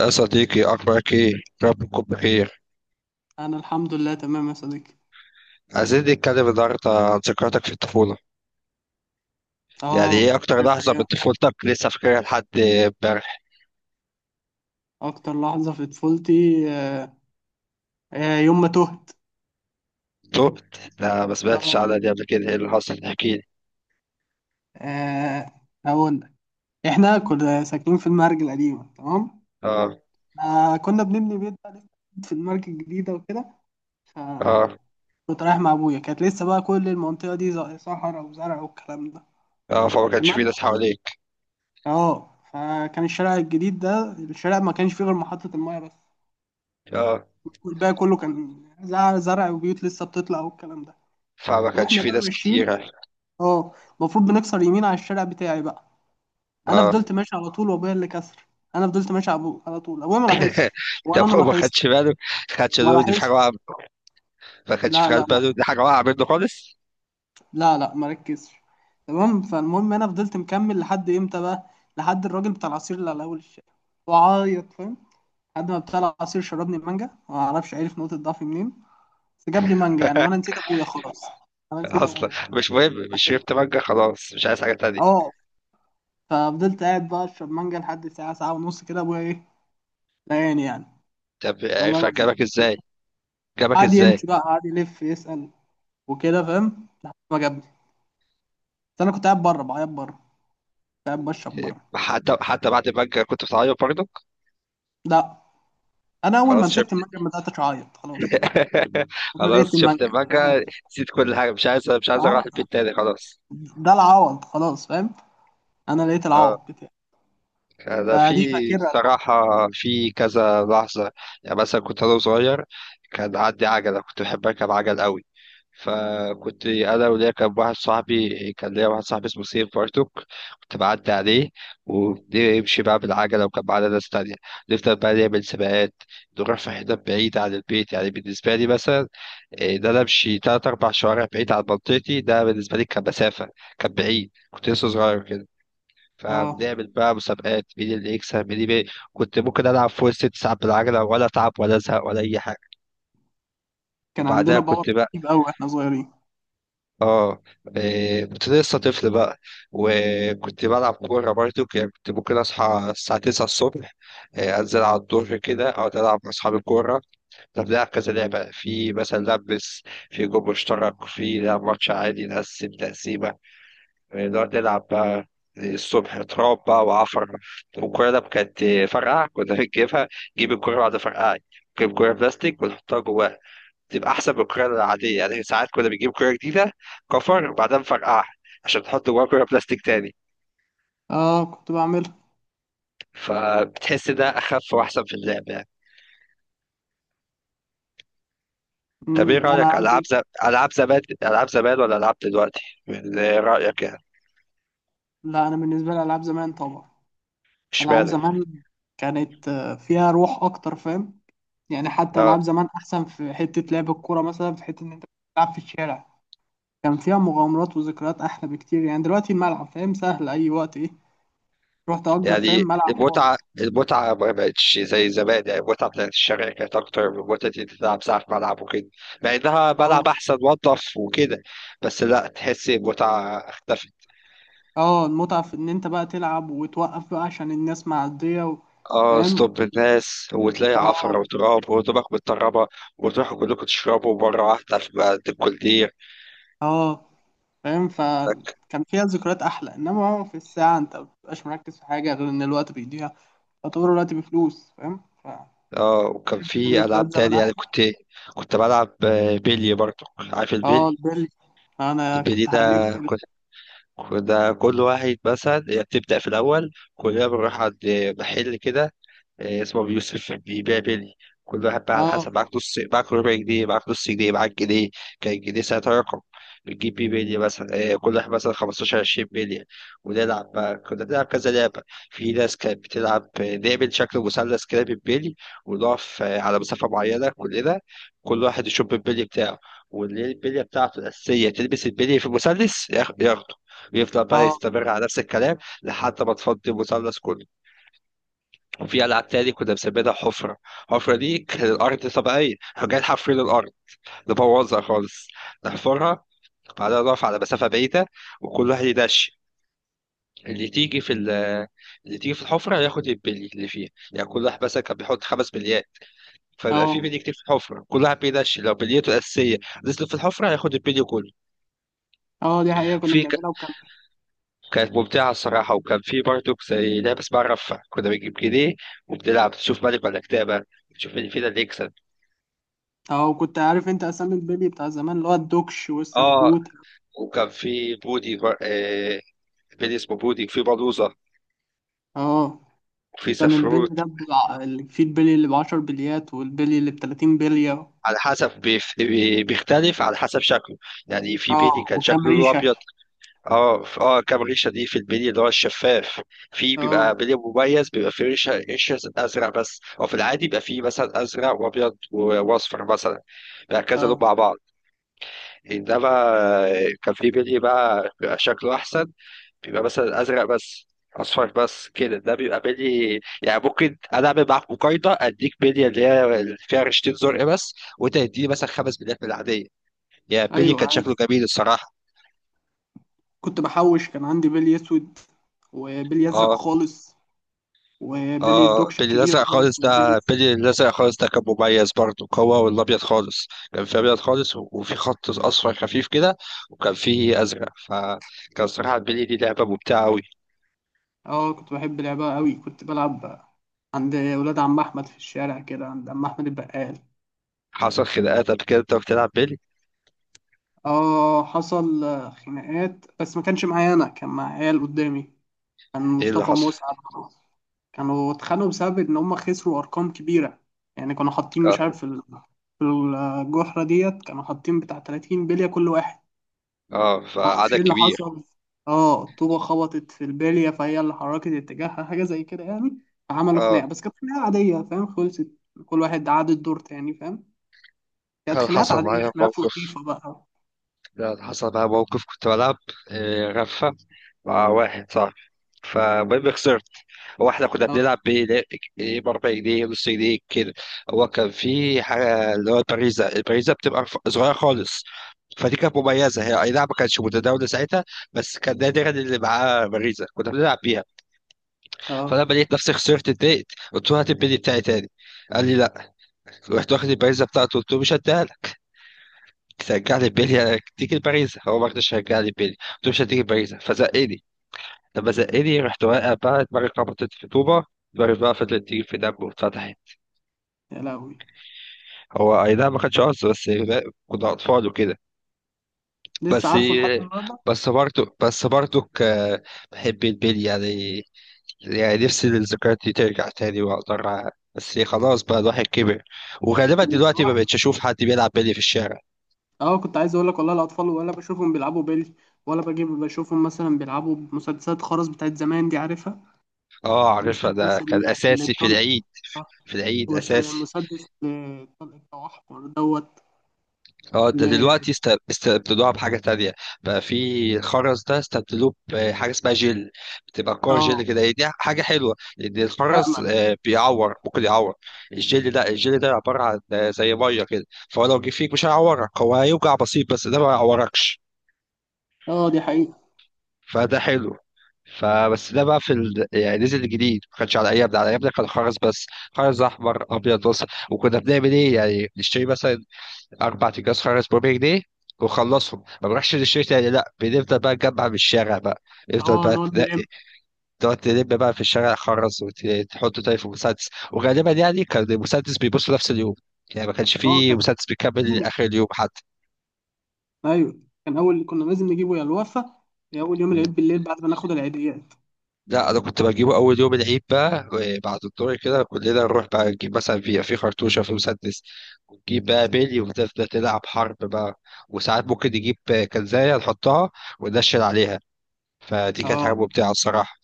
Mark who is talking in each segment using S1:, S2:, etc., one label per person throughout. S1: يا صديقي، أخبارك إيه؟ رب تكون بخير.
S2: انا الحمد لله تمام يا صديقي.
S1: عايزين نتكلم النهاردة عن ذكرياتك في الطفولة. يعني إيه
S2: اه
S1: أكتر
S2: كانت
S1: لحظة من
S2: ايام.
S1: طفولتك لسه فاكرها لحد إمبارح؟
S2: اكتر لحظه في طفولتي، آه، يوم ما تهت.
S1: تهت؟ لا، ما سمعتش
S2: اه.
S1: عنها دي قبل كده. إيه اللي حصل؟ احكيلي.
S2: آه، هقول لك. احنا كنا ساكنين في المرج القديمه، تمام.
S1: آه.
S2: كنا بنبني بيت بقى لسه جديد في المرج الجديده وكده. ف
S1: آه.
S2: كنت رايح مع ابويا، كانت لسه بقى كل المنطقه دي صحراء وزرع والكلام ده.
S1: آه. فما كانش
S2: تمام.
S1: في ناس حواليك.
S2: اه فكان الشارع الجديد ده، الشارع ما كانش فيه غير محطه المايه بس.
S1: آه،
S2: والباقي كله كان زرع زرع وبيوت لسه بتطلع والكلام ده.
S1: فما كانش
S2: واحنا
S1: في
S2: بقى
S1: ناس
S2: ماشيين.
S1: كتيرة.
S2: اه. المفروض بنكسر يمين على الشارع بتاعي بقى. انا
S1: آه.
S2: فضلت ماشي على طول وابويا اللي كسر. انا فضلت ماشي على على طول، ابويا ما لاحظش
S1: طب
S2: ولا انا
S1: هو ما
S2: لاحظت.
S1: خدش باله ما خدش
S2: ما
S1: باله دي في
S2: لاحظش.
S1: حاجة واقعة. ما خدش
S2: لا
S1: في
S2: لا
S1: باله
S2: لا.
S1: دي حاجة واقعة منه خالص.
S2: لا لا، ما ركزش. تمام، فالمهم انا فضلت مكمل لحد امتى بقى، لحد الراجل بتاع العصير اللي على اول الشارع، وعيط، فاهم؟ لحد ما بتاع العصير شربني مانجا، ما اعرفش عرف نقطة ضعفي منين. بس جاب لي مانجا يعني، وانا نسيت ابويا خلاص. انا نسيت
S1: أصلا
S2: ابويا، فاهم؟ انا عايز
S1: مش مهم، مش
S2: أكل.
S1: شربت مانجا خلاص، مش عايز حاجة تانية.
S2: اه. ففضلت قاعد بقى اشرب مانجا لحد ساعة ساعة ونص كده، ابويا ايه، ضايقني يعني،
S1: طب
S2: والله
S1: عرف
S2: العظيم.
S1: أجابك إزاي؟ جابك
S2: قعد يمشي
S1: ازاي؟
S2: بقى، قعد يلف يسأل وكده، فاهم، لحد ما جابني. بس انا كنت قاعد بره بعيط، بره كنت قاعد بشرب بره.
S1: حتى بعد المانجا كنت بتعيط برضك؟
S2: لا، انا اول ما
S1: خلاص شفت
S2: مسكت المنجم بدات اعيط خلاص. انا
S1: خلاص
S2: لقيت المنجم،
S1: شفت
S2: فاهم؟
S1: المانجا، نسيت كل حاجه، مش عايز اروح
S2: اه.
S1: البيت تاني خلاص.
S2: ده العوض خلاص، فاهم. انا لقيت
S1: اه،
S2: العوض بتاعي.
S1: ده في
S2: فدي فاكرها لحد
S1: الصراحة في كذا لحظة. يعني مثلا كنت أنا صغير، كان عندي عجلة، كنت بحب أركب عجل قوي. فكنت أنا وليا، كان ليا واحد صاحبي اسمه سيف بارتوك، كنت بعدي عليه، ونمشي بقى بالعجلة، وكان معانا ناس تانية. نفضل بقى نعمل سباقات، نروح في حتت بعيدة عن البيت، يعني بالنسبة لي مثلا، إيه، إن أنا أمشي تلات أربع شوارع بعيد عن منطقتي، ده بالنسبة لي كان مسافة، كان بعيد، كنت لسه صغير كده.
S2: اه،
S1: فبنعمل بقى مسابقات، مين اللي يكسب مين اللي. كنت ممكن العب فوق الست ساعات بالعجله، ولا اتعب ولا ازهق ولا اي حاجه.
S2: كان
S1: وبعدها
S2: عندنا باور
S1: كنت بقى،
S2: رهيب قوي احنا صغيرين.
S1: اه إيه، كنت لسه طفل بقى. وكنت بلعب كوره برضو، يعني كنت ممكن اصحى الساعه 9 الصبح، إيه، انزل على الظهر كده، اقعد العب مع اصحابي كوره. طب نلعب كذا لعبه، في مثلا لبس، في جول مشترك، في لعب ماتش عادي، نقسم تقسيمه، نقعد نلعب بقى. الصبح تراب بقى وعفر. والكرة ده كانت فرقعة كنا بنجيبها، نجيب الكرة بعد فرقعة، نجيب كرة بلاستيك ونحطها جواها، تبقى أحسن من الكرة العادية. يعني ساعات كنا بنجيب كرة جديدة، كفر، وبعدها نفرقعها عشان تحط جواها كرة بلاستيك تاني،
S2: اه، كنت بعملها.
S1: فبتحس ده أخف وأحسن في اللعب يعني. طب إيه
S2: انا
S1: رأيك، ألعاب
S2: عندي.
S1: زمان ولا ألعاب دلوقتي؟ من رأيك يعني.
S2: لا، انا بالنسبه لي العاب زمان طبعا. العاب
S1: اشمعنى؟
S2: زمان كانت فيها روح اكتر، فاهم؟ يعني حتى
S1: آه.
S2: العاب زمان احسن، في حته لعب الكوره مثلا، في حته ان انت تلعب في الشارع. كان فيها مغامرات وذكريات احلى بكتير. يعني دلوقتي الملعب، فاهم، سهل اي وقت، ايه، تروح تأجر، فاهم،
S1: يعني
S2: ملعب فاضي.
S1: المتعة ما بقتش زي زمان، يعني المتعة بتاعت الشارع كانت أكتر من متعة إن أنت تلعب ساعة في ملعب وكده، مع إنها ملعب
S2: اه.
S1: أحسن وأنضف وكده، بس لأ تحس المتعة اختفت.
S2: اه، المتعه في ان انت بقى تلعب وتوقف بقى عشان الناس معديه و...
S1: اه،
S2: فاهم.
S1: ستوب الناس، وتلاقي عفرة
S2: اه.
S1: وتراب وهدومك متطربة، وتروحوا كلكم تشربوا مرة واحدة في عند الكولدير.
S2: اه، فاهم،
S1: فك.
S2: فكان فيها ذكريات احلى. انما هو في الساعه، انت ما بتبقاش مركز في حاجه غير ان الوقت بيضيع، يعتبر الوقت بفلوس، فاهم. ف
S1: اه، وكان
S2: شايف ان
S1: في ألعاب
S2: ذكريات زمان
S1: تاني يعني.
S2: احلى.
S1: كنت، كنت بلعب بيلي. برضه عارف
S2: اه
S1: البيلي؟
S2: البلي، انا
S1: البيلي
S2: كنت
S1: ده،
S2: حريف بلي.
S1: وده كل واحد مثلا، هي بتبدأ في الأول كلنا بنروح عند محل كده اسمه أبو يوسف، بيبيع بلي. كل واحد بقى على
S2: اه.
S1: حسب، معاك نص، معاك ربع جنيه، معاك نص جنيه، معاك جنيه. كان الجنيه ساعتها رقم. بتجيب بيه بلي مثلا كل واحد مثلا 15 20 بلي، ونلعب بقى، كنا بنلعب كذا لعبة. في ناس كانت بتلعب نعمل شكل مثلث كده بالبلي، ونقف على مسافة معينة كلنا. كل واحد يشوف البلي بتاعه، واللي هي البلية بتاعته الأساسية تلبس البلي في المثلث، ياخده، ويفضل بقى
S2: اه.
S1: يستمر على نفس الكلام لحد ما تفضي المثلث كله. وفي ألعاب تاني كنا بنسميها حفرة، الحفرة دي كانت الأرض طبيعية، كنا جايين حافرين الأرض، نبوظها خالص، نحفرها. بعدها نقف على مسافة بعيدة، وكل واحد يدش. اللي تيجي في ال- اللي تيجي في الحفرة ياخد البلي اللي فيها، يعني كل واحد مثلا كان بيحط خمس بليات،
S2: اه.
S1: فيبقى في بلي كتير في الحفرة، كل واحد بيدش، لو بليته الأساسية نزلت في الحفرة هياخد البلي كله.
S2: اه دي حقيقة كنا
S1: في ك-
S2: بنعملها، وكان.
S1: كانت ممتعة الصراحة. وكان في برضه زي لعبة اسمها رفة، كنا بنجيب جنيه، وبنلعب تشوف ملك ولا كتابة، تشوف اللي فينا اللي يكسب.
S2: اه، وكنت عارف انت اسامي البلي بتاع زمان، اللي هو الدوكش
S1: اه،
S2: والسفروت.
S1: وكان في بودي بر- آه، بيلي اسمه بودي، وفي بلوزة،
S2: اه.
S1: وفي
S2: كان البلي
S1: سفروت،
S2: ده اللي فيه البلي اللي بعشر بليات والبلي اللي بتلاتين بلية.
S1: على حسب بيختلف على حسب شكله. يعني في بيلي
S2: اه،
S1: كان
S2: وكام
S1: شكله لونه
S2: ريشة.
S1: ابيض. اه، كام ريشه دي في البيلي اللي هو الشفاف. في بيبقى
S2: اه.
S1: بيلي مميز، بيبقى في ريشه ريشه ازرق بس، او في العادي بيبقى في مثلا ازرق وابيض واصفر مثلا، بيبقى كذا لون
S2: اه.
S1: مع بعض. انما كان في بيلي بقى بيبقى شكله احسن، بيبقى مثلا ازرق بس، اصفر بس كده، ده بيبقى بلي، يعني ممكن انا اعمل معاك مقايضه، اديك بلي اللي هي اللي فيها رشتين زرق بس، وانت تديني مثلا خمس بليات من العاديه. يعني بلي
S2: ايوه
S1: كان شكله
S2: عارف،
S1: جميل الصراحه.
S2: كنت بحوش. كان عندي بلي اسود، وبلي ازرق
S1: اه.
S2: خالص، وبلي
S1: اه.
S2: الدوكش الكبير دوت، وبلي
S1: بلي الازرق خالص ده كان مميز برضه، هو والابيض خالص، كان في ابيض خالص، وفي خط اصفر خفيف كده، وكان فيه ازرق، فكان صراحه البلي دي لعبه ممتعه قوي.
S2: اه كنت بحب لعبها قوي. كنت بلعب عند ولاد عم احمد في الشارع كده، عند عم احمد البقال.
S1: حصل خناقات قبل كده انت بتلعب بلي؟
S2: اه، حصل خناقات، بس ما كانش معايا انا، كان مع عيال قدامي. كان
S1: ايه اللي
S2: مصطفى
S1: حصل؟
S2: مسعد. كانوا اتخانقوا بسبب ان هم خسروا ارقام كبيره. يعني كانوا حاطين،
S1: اه،
S2: مش عارف، في في الجحره ديت كانوا حاطين بتاع 30 بليه كل واحد.
S1: آه،
S2: ما اعرفش
S1: فعدد
S2: ايه اللي
S1: كبير.
S2: حصل. اه، الطوبه خبطت في البليه، فهي اللي حركت اتجاهها، حاجه زي كده يعني. فعملوا
S1: اه.
S2: خناقه، بس كانت خناقه عاديه، فاهم، خلصت. كل واحد عاد الدور تاني، فاهم. كانت
S1: هل
S2: خناقات
S1: حصل
S2: عاديه،
S1: معايا
S2: خناقات
S1: موقف
S2: لطيفه بقى.
S1: هل حصل معايا موقف، كنت بلعب رفة مع واحد صاحبي، فالمهم خسرت. هو احنا كنا
S2: اه.
S1: بنلعب بايه؟ إيه، ب 4 جنيه، نص جنيه كده. هو كان في حاجه اللي هو البريزه، البريزه بتبقى صغيره خالص، فدي كانت مميزه هي، اي نعم ما كانتش متداوله ساعتها، بس كان نادرا اللي معاه بريزه كنا بنلعب بيها.
S2: اه.
S1: فلما لقيت نفسي خسرت اتضايقت، قلت له هات البيلي بتاعي تاني، قال لي لا. رحت واخد البريزه بتاعته، قلت له مش هديها، رجع لي بيليا تيجي الباريزا. هو ما رضاش يرجع لي بيليا، قلت له مش هتيجي الباريزا، فزقني. لما زقني رحت واقع بقى، دماغي خبطت في طوبه، دماغي بقى فضلت تيجي في دم واتفتحت.
S2: يا لهوي.
S1: هو اي نعم ما كانش قصدي، بس كنا اطفال وكده.
S2: لسه
S1: بس
S2: عارفه لحد النهارده.
S1: بس برضه بحب البيلي يعني. يعني نفسي الذكريات دي ترجع تاني واقدر بس خلاص بقى الواحد كبر، وغالبا دلوقتي ما
S2: وراحت.
S1: بقتش اشوف حد بيلعب بيلي في الشارع.
S2: اه كنت عايز اقول لك والله، الاطفال ولا بشوفهم بيلعبوا بيلي، ولا بجيب بشوفهم مثلا بيلعبوا بمسدسات خرز بتاعت زمان، دي عارفها؟
S1: اه عارفها، ده
S2: مسدس
S1: كان
S2: اللي
S1: اساسي في
S2: الطلق
S1: العيد.
S2: ده.
S1: في العيد اساسي.
S2: مسدس الطلق بتاع احمر دوت.
S1: اه، ده
S2: ل-
S1: دلوقتي استبدلوها بحاجة تانية، بقى في الخرز ده استبدلوه بحاجة اسمها جل، بتبقى كور جل
S2: اه،
S1: كده، هي دي حاجة حلوة لأن الخرز
S2: امل.
S1: بيعور، ممكن يعور. الجل ده عبارة عن زي مية كده، فهو لو جه فيك مش هيعورك، هو هيوجع بسيط بس ده ما يعوركش،
S2: اه دي حقيقة.
S1: فده حلو. فبس ده بقى في يعني نزل جديد، ما كانش على ايامنا، على ايامنا كان خرز بس، خرز احمر ابيض بس. وكنا بنعمل ايه؟ يعني بنشتري مثلا اربع اكياس خرز ب 4 جنيه، وخلصهم ما بروحش للشركه تاني، لا بنفضل بقى نجمع من الشارع بقى، نفضل
S2: اه
S1: بقى
S2: نقعد نلم.
S1: تنقي، تقعد تلم بقى في الشارع خرز وتحطه تاني في مسدس، وغالبا يعني كان المسدس بيبص نفس اليوم، يعني ما كانش
S2: اه
S1: فيه
S2: كان
S1: مسدس بيكمل
S2: لازم.
S1: اخر اليوم حتى.
S2: ايوه كان اول، كنا لازم نجيبه يا الوفا يا اول يوم
S1: مم.
S2: العيد بالليل بعد ما ناخد العيديات.
S1: لا انا كنت بجيبه اول يوم العيد بقى، بعد الدور كده كلنا نروح بقى نجيب مثلا في خرطوشه في مسدس، ونجيب بقى بيلي، ونفضل نلعب حرب بقى. وساعات ممكن نجيب كنزايه نحطها وننشل عليها، فدي كانت
S2: اه.
S1: حاجة ممتعة الصراحة.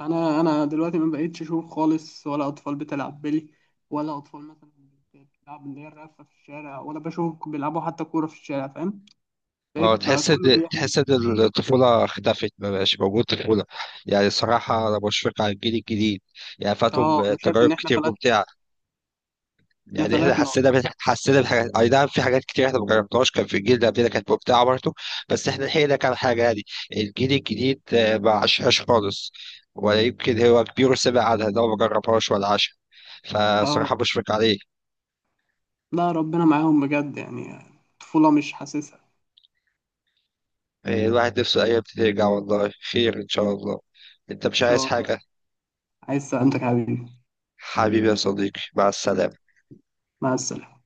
S2: انا دلوقتي ما بقيتش اشوف خالص، ولا اطفال بتلعب بلي، ولا اطفال مثلا بتلعب اللي هي الرفه في الشارع، ولا بشوف بيلعبوا حتى كوره في الشارع، فاهم.
S1: اه،
S2: بقيت بقى
S1: تحس ان
S2: كله بيعمل.
S1: تحس ان الطفولة اختفت، ما بقاش موجود طفولة، يعني الصراحة أنا بشفق على الجيل الجديد، يعني
S2: اه.
S1: فاتهم
S2: انا شايف
S1: تجارب
S2: ان احنا
S1: كتير
S2: فلت،
S1: ممتعة.
S2: احنا
S1: يعني احنا
S2: فلتنا
S1: حسينا
S2: والله.
S1: حسينا بحاجات، أي نعم في حاجات كتير احنا ما جربناش، كان في الجيل ده قبلنا كانت ممتعة برضه، بس احنا لحقنا كام حاجة يعني. الجيل الجديد ما عاشهاش خالص، ولا يمكن هو كبير وسمع عنها، ده هو ما جربهاش ولا عاشها،
S2: اه.
S1: فصراحة بشفق عليه.
S2: لا، ربنا معاهم بجد يعني. طفوله مش حاسسها.
S1: الواحد نفسه الأيام دي ترجع، والله خير إن شاء الله. أنت مش
S2: ان
S1: عايز
S2: شاء الله.
S1: حاجة؟
S2: عايز سلامتك يا حبيبي.
S1: حبيبي يا صديقي، مع السلامة.
S2: مع السلامه.